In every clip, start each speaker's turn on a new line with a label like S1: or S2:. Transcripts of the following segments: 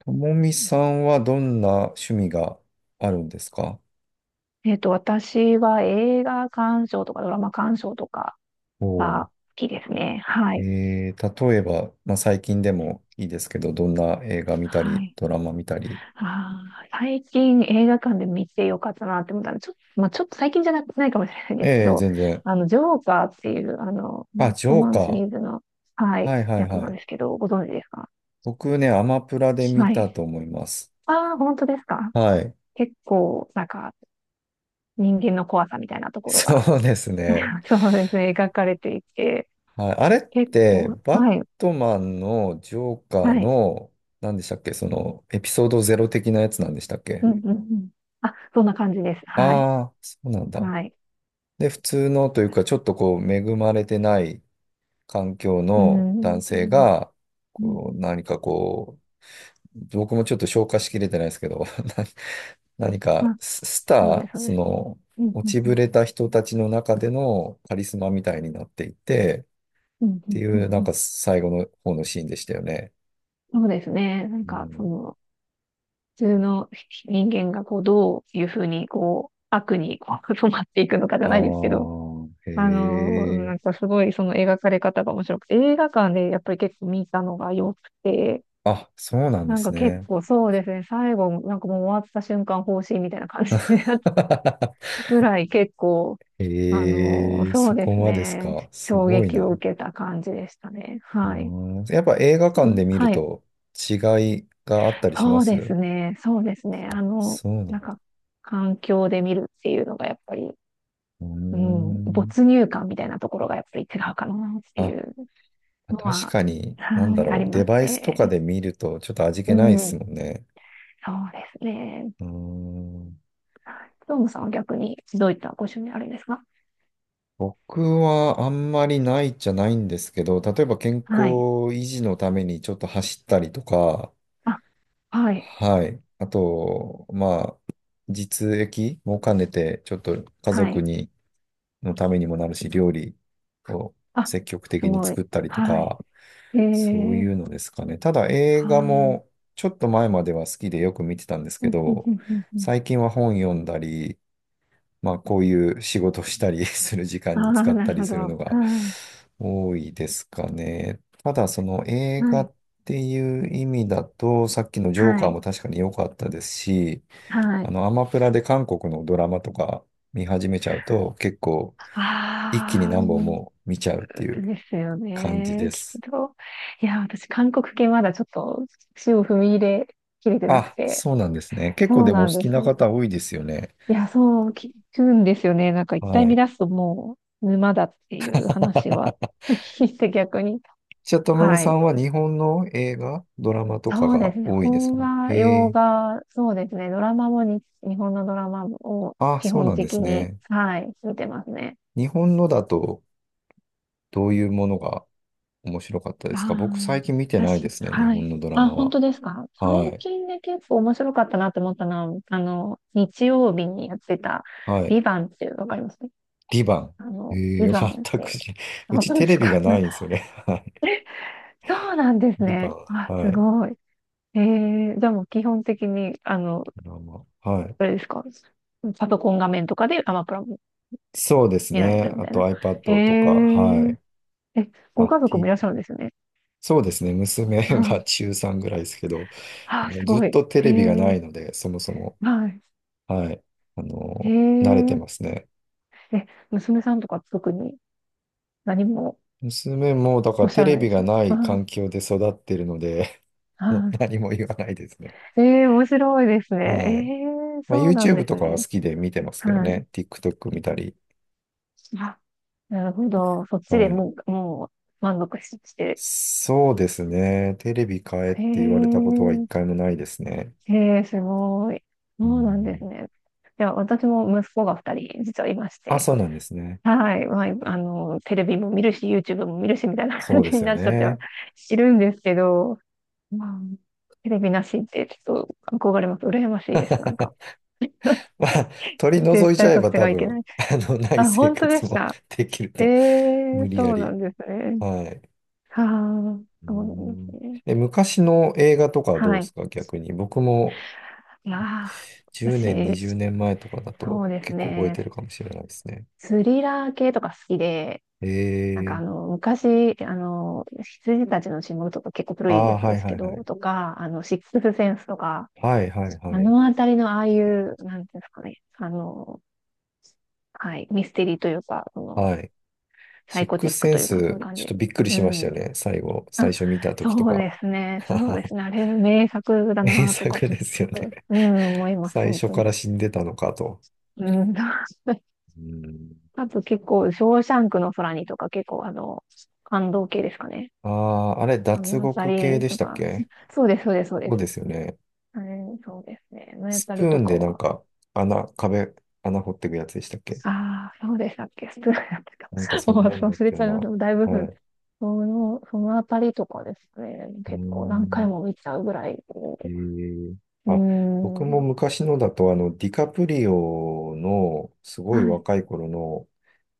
S1: ともみさんはどんな趣味があるんですか？
S2: 私は映画鑑賞とかドラマ鑑賞とか
S1: お
S2: が
S1: ー。
S2: 好きですね。はい。
S1: 例えば、まあ、最近でもいいですけど、どんな映画見た
S2: は
S1: り、
S2: い。
S1: ドラマ見たり。
S2: 最近映画館で見てよかったなって思ったの。ちょっと、まあ、ちょっと最近じゃな、ないかもしれないんですけ
S1: ええ、
S2: ど、
S1: 全然。
S2: あの、ジョーカーっていう、あの、マ
S1: あ、
S2: ッ
S1: ジ
S2: ト
S1: ョー
S2: マンシリ
S1: カ
S2: ーズの、は
S1: ー。
S2: い、
S1: はいはい
S2: やつ
S1: は
S2: なん
S1: い。
S2: ですけど、ご存知ですか？
S1: 僕ね、アマプラで見
S2: は
S1: た
S2: い。
S1: と思います。
S2: ああ、本当ですか？
S1: はい。
S2: 結構、なんか、人間の怖さみたいなと ころが、
S1: そうですね。
S2: そうですね、描かれていて、
S1: はい。あれっ
S2: 結
S1: て、
S2: 構、
S1: バッ
S2: はい、
S1: トマンのジョーカー
S2: はい。
S1: の、何でしたっけ？その、エピソードゼロ的なやつなんでしたっけ？
S2: うんうんうん。あ、そんな感じです。はい。
S1: ああー、そうなんだ。
S2: はい。
S1: で、普通のというか、ちょっとこう、恵まれてない環境
S2: う
S1: の
S2: ん、
S1: 男
S2: う
S1: 性
S2: ん、
S1: が、
S2: う
S1: こう、
S2: ん。
S1: 何かこう、僕もちょっと消化しきれてないですけど、何か
S2: まあ、
S1: ススタ
S2: そうで
S1: ー、
S2: す、そう
S1: そ
S2: です。
S1: の、
S2: うん、う
S1: 落
S2: ん、
S1: ち
S2: う
S1: ぶ
S2: ん、
S1: れた人たちの中でのカリスマみたいになっていて、
S2: うん、
S1: っ
S2: う
S1: て
S2: ん、う
S1: いう、
S2: ん
S1: な
S2: う
S1: ん
S2: ん。
S1: か最後の方のシーンでしたよね。
S2: そうですね。なん
S1: う
S2: か、そ
S1: ん、
S2: の、普通の人間が、こう、どういうふうに、こう、悪に、こう 染まっていくのかじゃないですけ
S1: あ
S2: ど、
S1: あ、へ
S2: あの、なん
S1: え。
S2: か、すごい、その描かれ方が面白くて、映画館で、やっぱり結構見たのが良くて、
S1: あ、そうなんで
S2: なん
S1: す
S2: か結
S1: ね。
S2: 構そうですね、最後、なんかもう終わった瞬間、方針みたいな感じで、ぐらい結構、あの、
S1: へえ、
S2: そう
S1: そ
S2: で
S1: こ
S2: す
S1: までです
S2: ね。
S1: か。す
S2: 衝
S1: ごい
S2: 撃を
S1: な。
S2: 受けた感じでしたね。
S1: う
S2: はい。
S1: ーん、やっぱ映画
S2: う
S1: 館
S2: ん、
S1: で見る
S2: はい。
S1: と違いがあったりしま
S2: そう
S1: す？
S2: ですね。そうですね。あの、
S1: そうなんだ。
S2: なんか、環境で見るっていうのがやっぱり、
S1: うー
S2: うん、
S1: ん。
S2: 没入感みたいなところがやっぱり違うかなってい
S1: あ、
S2: うの
S1: 確
S2: は、
S1: かに、なん
S2: は
S1: だ
S2: い、あ
S1: ろ
S2: り
S1: う。デ
S2: ます
S1: バイスとか
S2: ね。
S1: で見るとちょっと味
S2: う
S1: 気ないです
S2: ん、
S1: もんね。
S2: そうですね。
S1: うーん。
S2: はい。どうもさんは逆にどういったご趣味あるんですか？
S1: 僕はあんまりないじゃないんですけど、例えば健康
S2: はい。
S1: 維持のためにちょっと走ったりとか、
S2: あ、はい。
S1: はい。あと、まあ、実益も兼ねて、ちょっと家
S2: は
S1: 族
S2: い。
S1: にのためにもなるし、料理を
S2: あ、
S1: 積極
S2: す
S1: 的に
S2: ごい。
S1: 作ったりと
S2: はい。
S1: か、
S2: え
S1: そう
S2: え、
S1: いうのですかね。ただ映
S2: はい。
S1: 画
S2: うん
S1: もちょっと前までは好きでよく見てたんです
S2: う
S1: け
S2: んうん
S1: ど、
S2: うん。
S1: 最近は本読んだり、まあこういう仕事したり する時
S2: あ
S1: 間に
S2: あ、
S1: 使っ
S2: な
S1: た
S2: る
S1: り
S2: ほ
S1: す
S2: ど。
S1: るのが
S2: はい。
S1: 多いですかね。ただその映
S2: は
S1: 画
S2: い。
S1: っていう意味だと、さっきのジョー
S2: は
S1: カーも
S2: い。
S1: 確かに良かったですし、
S2: は
S1: あ
S2: い。
S1: のアマプラで韓国のドラマとか見始めちゃうと結構一気に
S2: ああ、
S1: 何本
S2: うん、
S1: も見ちゃうっていう
S2: そうですよ
S1: 感じ
S2: ね。
S1: で
S2: きっ
S1: す。
S2: と。いや、私、韓国系まだちょっと足を踏み入れきれてなく
S1: あ、
S2: て。
S1: そうなんですね。結
S2: そ
S1: 構
S2: う
S1: でも
S2: な
S1: お好
S2: んで
S1: き
S2: す。い
S1: な方多いですよね。
S2: や、そう聞くんですよね。なんか一回
S1: は
S2: 見
S1: い。
S2: 出すともう沼だっていう話は 聞いて逆に。
S1: じゃあ、ともみ
S2: は
S1: さ
S2: い。
S1: んは日本の映画、ドラマとか
S2: そうで
S1: が
S2: すね。
S1: 多いです
S2: 邦
S1: か？
S2: 画、
S1: へ
S2: 洋
S1: え。
S2: 画、そうですね。ドラマもに、日本のドラマを
S1: あ、
S2: 基
S1: そう
S2: 本
S1: なんで
S2: 的
S1: す
S2: に、
S1: ね。
S2: はい、見てますね。
S1: 日本のだとどういうものが面白かったですか？僕最
S2: あ
S1: 近見て
S2: あ、
S1: ないで
S2: 私、
S1: すね、日
S2: は
S1: 本
S2: い。
S1: のドラ
S2: あ、
S1: マ
S2: 本
S1: は。
S2: 当ですか？最
S1: はい。
S2: 近で結構面白かったなって思ったのは、あの、日曜日にやってた、
S1: はい。
S2: ビバンっていう、わかります？
S1: リバン。
S2: あの、
S1: え
S2: ビ
S1: え、
S2: バンっ
S1: 全く
S2: て、
S1: し、う
S2: 本
S1: ち
S2: 当で
S1: テレ
S2: す
S1: ビ
S2: か？
S1: がないんですよ ね。はい。
S2: そうなんです
S1: リバ
S2: ね。
S1: ン。
S2: あ、
S1: は
S2: す
S1: い。
S2: ごい。えじゃあもう基本的に、あの、
S1: ドラマ。はい。
S2: あれですか？パソコン画面とかでアマプラ
S1: そうです
S2: 見られる
S1: ね。
S2: み
S1: あ
S2: たい
S1: と
S2: な。へ
S1: iPad とか、は
S2: え。
S1: い。
S2: え、
S1: ま
S2: ご
S1: あ、
S2: 家族もい
S1: T、
S2: らっしゃるんですよね。
S1: そうですね。娘が
S2: あ
S1: 中3ぐらいですけど、あ
S2: あ、
S1: の、
S2: す
S1: ずっ
S2: ごい。
S1: とテ
S2: へ
S1: レビがな
S2: え。
S1: いので、そもそも、
S2: はい。
S1: はい。あ
S2: へ
S1: の、慣れて
S2: え。
S1: ますね。
S2: え、娘さんとか特に何も
S1: 娘も、だか
S2: お
S1: ら
S2: っしゃ
S1: テ
S2: ら
S1: レ
S2: ない
S1: ビ
S2: です
S1: がな
S2: か？
S1: い
S2: はい。
S1: 環境で育ってるので、
S2: は
S1: 何も言わないですね。
S2: い。ええ、面白いですね。え
S1: はい。
S2: え、
S1: まあ、
S2: そうなんで
S1: YouTube
S2: す
S1: とかは
S2: ね。
S1: 好きで見てますけど
S2: はい。
S1: ね。TikTok 見たり。
S2: あ、なるほど。そっ
S1: は
S2: ちで
S1: い。
S2: もう、もう満足し、して。
S1: そうですね。テレビ買えっ
S2: へ
S1: て言われたことは一
S2: え。
S1: 回もないですね。
S2: へえ、すごい。
S1: う
S2: そうなんです
S1: ん。
S2: ね。いや、私も息子が二人実はいまし
S1: あ、
S2: て、
S1: そうなんですね。
S2: はい。まあ、あの、テレビも見るし、YouTube も見るし、みたいな
S1: そ
S2: 感
S1: うで
S2: じに
S1: すよ
S2: なっちゃっては
S1: ね。
S2: いるんですけど、まあ、テレビなしってちょっと憧れます。羨ましいです、なんか。
S1: まあ、取り除い
S2: 絶
S1: ち
S2: 対
S1: ゃえ
S2: そっ
S1: ば
S2: ち
S1: 多
S2: がいけな
S1: 分、
S2: い。
S1: あの、ない
S2: あ、
S1: 生
S2: 本当で
S1: 活
S2: す
S1: も
S2: か。
S1: できる
S2: え
S1: と、
S2: え、
S1: 無理や
S2: そうな
S1: り。
S2: んですね。
S1: はい。
S2: はあ、
S1: う
S2: そうなんで
S1: ん。
S2: すね。
S1: え、昔の映画とかはど
S2: は
S1: うです
S2: い。
S1: か逆に。僕も
S2: いやー、
S1: 10年、20
S2: 私、
S1: 年前とかだと
S2: そうです
S1: 結構覚え
S2: ね。
S1: てるかもしれないですね。
S2: スリラー系とか好きで、なんかあ
S1: えー、
S2: の、昔、あの、羊たちの沈黙とか結構古い
S1: あ
S2: や
S1: あ
S2: つ
S1: ー、は
S2: で
S1: い
S2: す
S1: は
S2: け
S1: いは
S2: ど、
S1: い。
S2: とか、あの、シックスセンスとか、
S1: はいはい
S2: あ
S1: はい。
S2: のあたりのああいう、なんていうんですかね、あの、はい、ミステリーというか、その、
S1: はい。
S2: サ
S1: シ
S2: イ
S1: ッ
S2: コ
S1: ク
S2: チ
S1: ス
S2: ック
S1: セ
S2: と
S1: ン
S2: いうか、そういう
S1: ス、
S2: 感
S1: ちょっ
S2: じ。
S1: とびっくり
S2: う
S1: しました
S2: ん。
S1: よね。最後、最初見た時と
S2: そう
S1: か。
S2: ですね、そうで すね、あれ、名作だ
S1: 名
S2: なとか、
S1: 作
S2: ちょ
S1: で
S2: っ
S1: すよね。
S2: と、うん、思い ます、
S1: 最
S2: 本
S1: 初
S2: 当
S1: か
S2: に。
S1: ら死んでたのかと。
S2: うん。
S1: うん。
S2: あと結構、ショーシャンクの空にとか、結構、あの、感動系ですかね。
S1: ああ、あれ、
S2: あ
S1: 脱
S2: のあた
S1: 獄系
S2: り
S1: でし
S2: と
S1: たっ
S2: か、
S1: け？
S2: そうです、そうです、そう
S1: そ
S2: で
S1: う
S2: す。
S1: ですよね。
S2: うん、そうですね。のや
S1: ス
S2: た
S1: プ
S2: り
S1: ー
S2: と
S1: ン
S2: か
S1: でなん
S2: は。
S1: か、穴、壁、穴掘っていくやつでしたっけ？
S2: ああ、そうでしたっけ？スプーンやってた。
S1: なんかそ
S2: も
S1: ん
S2: う
S1: なんだっ
S2: 忘れ
S1: た
S2: ち
S1: よ
S2: ゃいました。だいぶ、
S1: うな。はい。
S2: その、そのあたりとかですね。
S1: うー
S2: 結構何回
S1: ん。
S2: も見ちゃうぐらい。
S1: えー。
S2: うー
S1: あ、僕も
S2: ん。
S1: 昔のだと、あの、ディカプリオの、すごい
S2: はい。
S1: 若い頃の、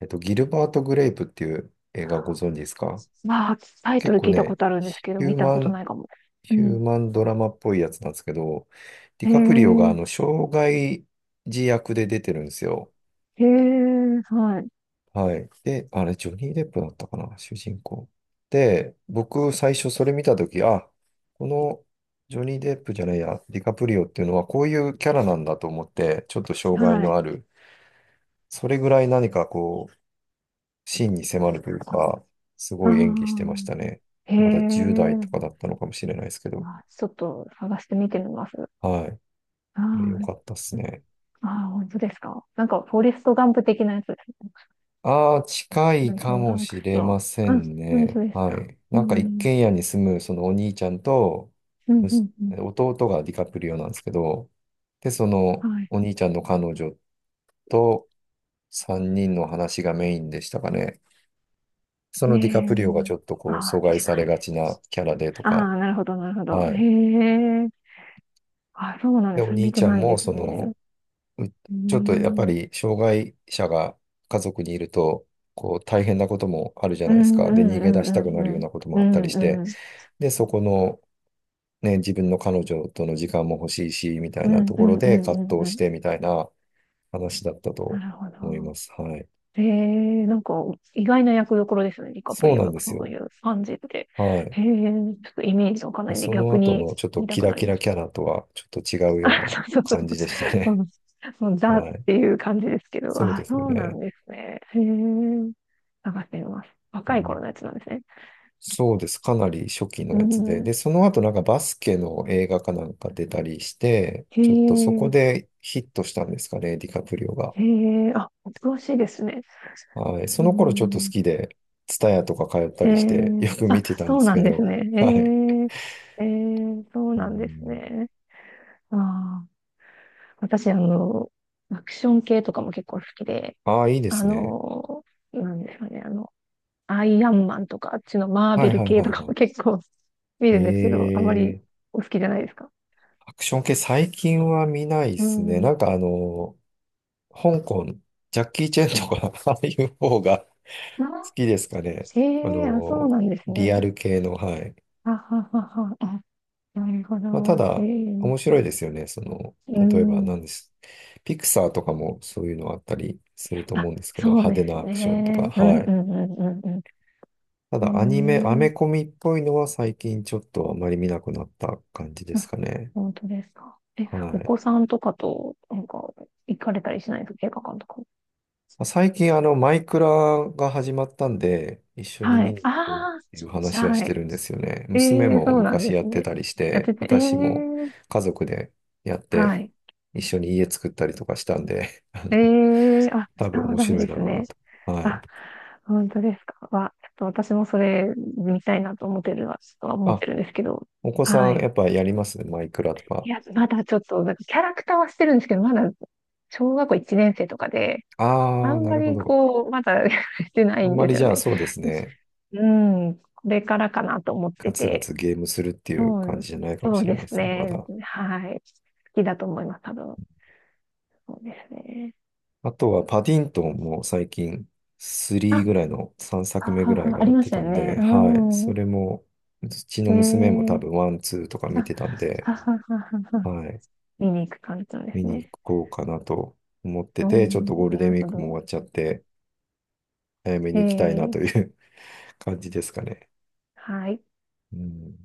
S1: ギルバート・グレイプっていう映画ご存知ですか？
S2: まあ、タイト
S1: 結
S2: ル
S1: 構
S2: 聞いたこ
S1: ね、
S2: とあるんですけど、
S1: ヒュ
S2: 見
S1: ー
S2: た
S1: マ
S2: ことな
S1: ン
S2: いかも。う
S1: ヒュー
S2: ん。
S1: マンドラマっぽいやつなんですけど、ディ
S2: へえ、
S1: カプリオがあの、障害児役で出てるんですよ。
S2: へえ、は
S1: はい。で、あれ、ジョニー・デップだったかな、主人公。で、僕、最初それ見たとき、あ、このジョニー・デップじゃないや、ディカプリオっていうのはこういうキャラなんだと思って、ちょっと
S2: い、
S1: 障害
S2: は
S1: の
S2: い。
S1: ある、それぐらい何かこう、芯に迫るというか、す
S2: あ
S1: ごい演技してまし
S2: あ、
S1: たね。
S2: へ
S1: まだ10代
S2: え。
S1: とかだったのかもしれないですけど、
S2: まあ、ちょっと探してみてみます。
S1: はい。これ良
S2: はい。
S1: かったっすね。
S2: ああ、本当ですか。なんか、フォレストガンプ的なやつですね。
S1: ああ、近
S2: な
S1: い
S2: んかト
S1: か
S2: ムハ
S1: も
S2: ンク
S1: し
S2: ス
S1: れま
S2: と。
S1: せ
S2: あ、
S1: ん
S2: 本当
S1: ね。
S2: です
S1: は
S2: か。
S1: い。
S2: う
S1: なんか一
S2: ん。
S1: 軒家に住むそのお兄ちゃんと、
S2: うん、うん、うん。
S1: 弟がディカプリオなんですけど、で、そ
S2: は
S1: の
S2: い。
S1: お兄ちゃんの彼女と3人の話がメインでしたかね。そ
S2: え
S1: のディカプリオが
S2: え。
S1: ちょっと
S2: あ
S1: こう阻
S2: あ、見
S1: 害
S2: て
S1: さ
S2: な
S1: れ
S2: い
S1: が
S2: で
S1: ち
S2: す。
S1: なキャラでと
S2: あ
S1: か、
S2: あ、なるほど、なるほど。
S1: はい。
S2: へえ。あ、そうなん
S1: で、
S2: で
S1: お
S2: すね。
S1: 兄
S2: 見て
S1: ちゃん
S2: ない
S1: も
S2: で
S1: そ
S2: すね。
S1: の、う
S2: う
S1: ちょっとやっぱ
S2: ん。
S1: り障害者が家族にいると、こう大変なこともあるじゃ
S2: う
S1: ないです
S2: ん、う
S1: か。で、逃げ出
S2: ん、
S1: し
S2: う
S1: たく
S2: ん、うん、
S1: なる
S2: う
S1: よう
S2: ん。
S1: なこと
S2: う
S1: もあったりし
S2: ん、
S1: て、
S2: うん。
S1: で、そこの、ね、自分の彼女との時間も欲しいし、みた
S2: う
S1: いな
S2: ん、
S1: と
S2: う
S1: こ
S2: ん、
S1: ろ
S2: うん、う
S1: で葛
S2: ん、う
S1: 藤し
S2: ん。
S1: てみたいな話だった
S2: な
S1: と
S2: るほ
S1: 思いま
S2: ど。
S1: す。はい。
S2: ええ、なんか意外な役どころですね、ディカプ
S1: そう
S2: リ
S1: なん
S2: オが
S1: です
S2: そう
S1: よ。
S2: いう感じって。
S1: はい。
S2: ええ、ちょっとイメージわかん
S1: ま
S2: な
S1: あ
S2: いんで
S1: その
S2: 逆
S1: 後
S2: に
S1: のちょっと
S2: 見た
S1: キ
S2: く
S1: ラ
S2: な
S1: キ
S2: りま
S1: ラ
S2: し
S1: キ
S2: た。
S1: ャラとはちょっと違うような
S2: そうそうそう。
S1: 感じでした
S2: そ
S1: ね。
S2: の、その ザっ
S1: はい。
S2: ていう感じですけど、
S1: そうで
S2: あ、
S1: す
S2: そうな
S1: ね。
S2: んですね。へえ。探してみます。
S1: う
S2: 若い頃
S1: ん
S2: のやつなんですね。
S1: そうです。かなり初期の
S2: う
S1: やつで。
S2: ん。
S1: で、その後なんかバスケの映画かなんか出たりして、
S2: へ
S1: ちょっとそこ
S2: え、
S1: でヒットしたんですかね、ディカプリオが。
S2: へえ、あ、恐ろしいですね。
S1: はい。そ
S2: う
S1: の頃ちょっと好
S2: ん。
S1: きで、ツタヤとか通った
S2: へ
S1: りして、
S2: え、
S1: よく
S2: あ、
S1: 見てたんで
S2: そう
S1: す
S2: な
S1: け
S2: んです
S1: ど、
S2: ね。
S1: はい。
S2: へえ、へえ、そう
S1: う
S2: なんです
S1: ん。
S2: ね。ああ。私、あの、アクション系とかも結構好きで、
S1: ああ、いいで
S2: あ
S1: すね。
S2: の、なんですかね、あの、アイアンマンとか、あっちのマー
S1: は
S2: ベ
S1: い
S2: ル
S1: はい
S2: 系
S1: はい
S2: とか
S1: は
S2: も結構 見
S1: い。
S2: るんですけど、あまりお好きじゃないですか？
S1: アクション系最近は見ないで
S2: う
S1: すね。
S2: ん。
S1: なんかあの、香港、ジャッキー・チェンとか、ああいう方が好
S2: あ、
S1: きですかね。
S2: え
S1: あ
S2: え、あ、そう
S1: の、
S2: なんです
S1: リア
S2: ね。
S1: ル系の、はい。
S2: あははは、あ、なるほ
S1: まあ、た
S2: ど。え
S1: だ、
S2: え、
S1: 面白いですよね。その、
S2: う
S1: 例えば何
S2: ん。
S1: です。ピクサーとかもそういうのあったりすると思う
S2: あ、
S1: んですけど、
S2: そう
S1: 派手
S2: です
S1: なアクションとか、
S2: ね。う
S1: は
S2: んう
S1: い。
S2: んうんうん
S1: た
S2: う
S1: だアニメ、ア
S2: ん。う
S1: メ
S2: ん。
S1: コミっぽいのは最近ちょっとあまり見なくなった感じで
S2: あ、
S1: すかね。
S2: 本当ですか。え、
S1: は
S2: お
S1: い。
S2: 子さんとかと、なんか、行かれたりしないですか？映画館とか。
S1: まあ最近あの、マイクラが始まったんで、一緒に
S2: は
S1: 見
S2: い。
S1: に行こうっ
S2: あ
S1: ていう
S2: あ、
S1: 話はし
S2: は
S1: て
S2: い。
S1: るんですよね。
S2: え
S1: 娘
S2: え、
S1: も
S2: そうなんで
S1: 昔やっ
S2: す
S1: て
S2: ね。
S1: たりし
S2: やっ
S1: て、
S2: てて、ええ、
S1: 私も家族でやって、
S2: はい。
S1: 一緒に家作ったりとかしたんで、あ
S2: え
S1: の、
S2: え、あ、
S1: 多
S2: そ
S1: 分
S2: う
S1: 面
S2: なん
S1: 白い
S2: で
S1: だ
S2: す
S1: ろう
S2: ね。
S1: なと。はい。
S2: あ、本当ですか。わ、ちょっと私もそれ見たいなと思ってるは、ちょっとは思っ
S1: あ、
S2: てるんですけど。
S1: お子さ
S2: は
S1: んや
S2: い。
S1: っぱやりますマイクラとか？
S2: いや、まだちょっと、なんかキャラクターはしてるんですけど、まだ小学校1年生とかで、あ
S1: ああ、
S2: ん
S1: な
S2: ま
S1: るほ
S2: り
S1: ど。
S2: こう、まだ してな
S1: あ
S2: い
S1: ん
S2: ん
S1: ま
S2: で
S1: り
S2: すよ
S1: じゃあ
S2: ね。
S1: そうですね。
S2: うん、これからかなと思っ
S1: ガ
S2: て
S1: ツガ
S2: て。
S1: ツゲームするっていう
S2: そ
S1: 感
S2: う、
S1: じじゃないかも
S2: そう
S1: しれな
S2: で
S1: いで
S2: す
S1: すね、ま
S2: ね。
S1: だ。
S2: はい。好きだと思います、多分。そうですね。
S1: あとはパディントンも最近3
S2: あ、
S1: ぐらいの3
S2: は
S1: 作目ぐ
S2: は
S1: らい
S2: は、
S1: が
S2: あ
S1: や
S2: り
S1: っ
S2: ま
S1: て
S2: した
S1: た
S2: よ
S1: ん
S2: ね。
S1: で、はい。そ
S2: う
S1: れも、うちの娘も
S2: ん。え
S1: 多
S2: ー、
S1: 分ワン、ツーとか見
S2: あ、
S1: てたんで、
S2: ははははは。
S1: はい。
S2: 見に行く感じなんで
S1: 見
S2: す
S1: に行
S2: ね。
S1: こうかなと思って
S2: う
S1: て、ちょっと
S2: ん、
S1: ゴール
S2: な
S1: デン
S2: る
S1: ウィー
S2: ほ
S1: クも終
S2: ど。
S1: わっちゃって、早め
S2: え
S1: に行きたいなと
S2: ー、
S1: いう 感じですかね。
S2: はい。
S1: うん。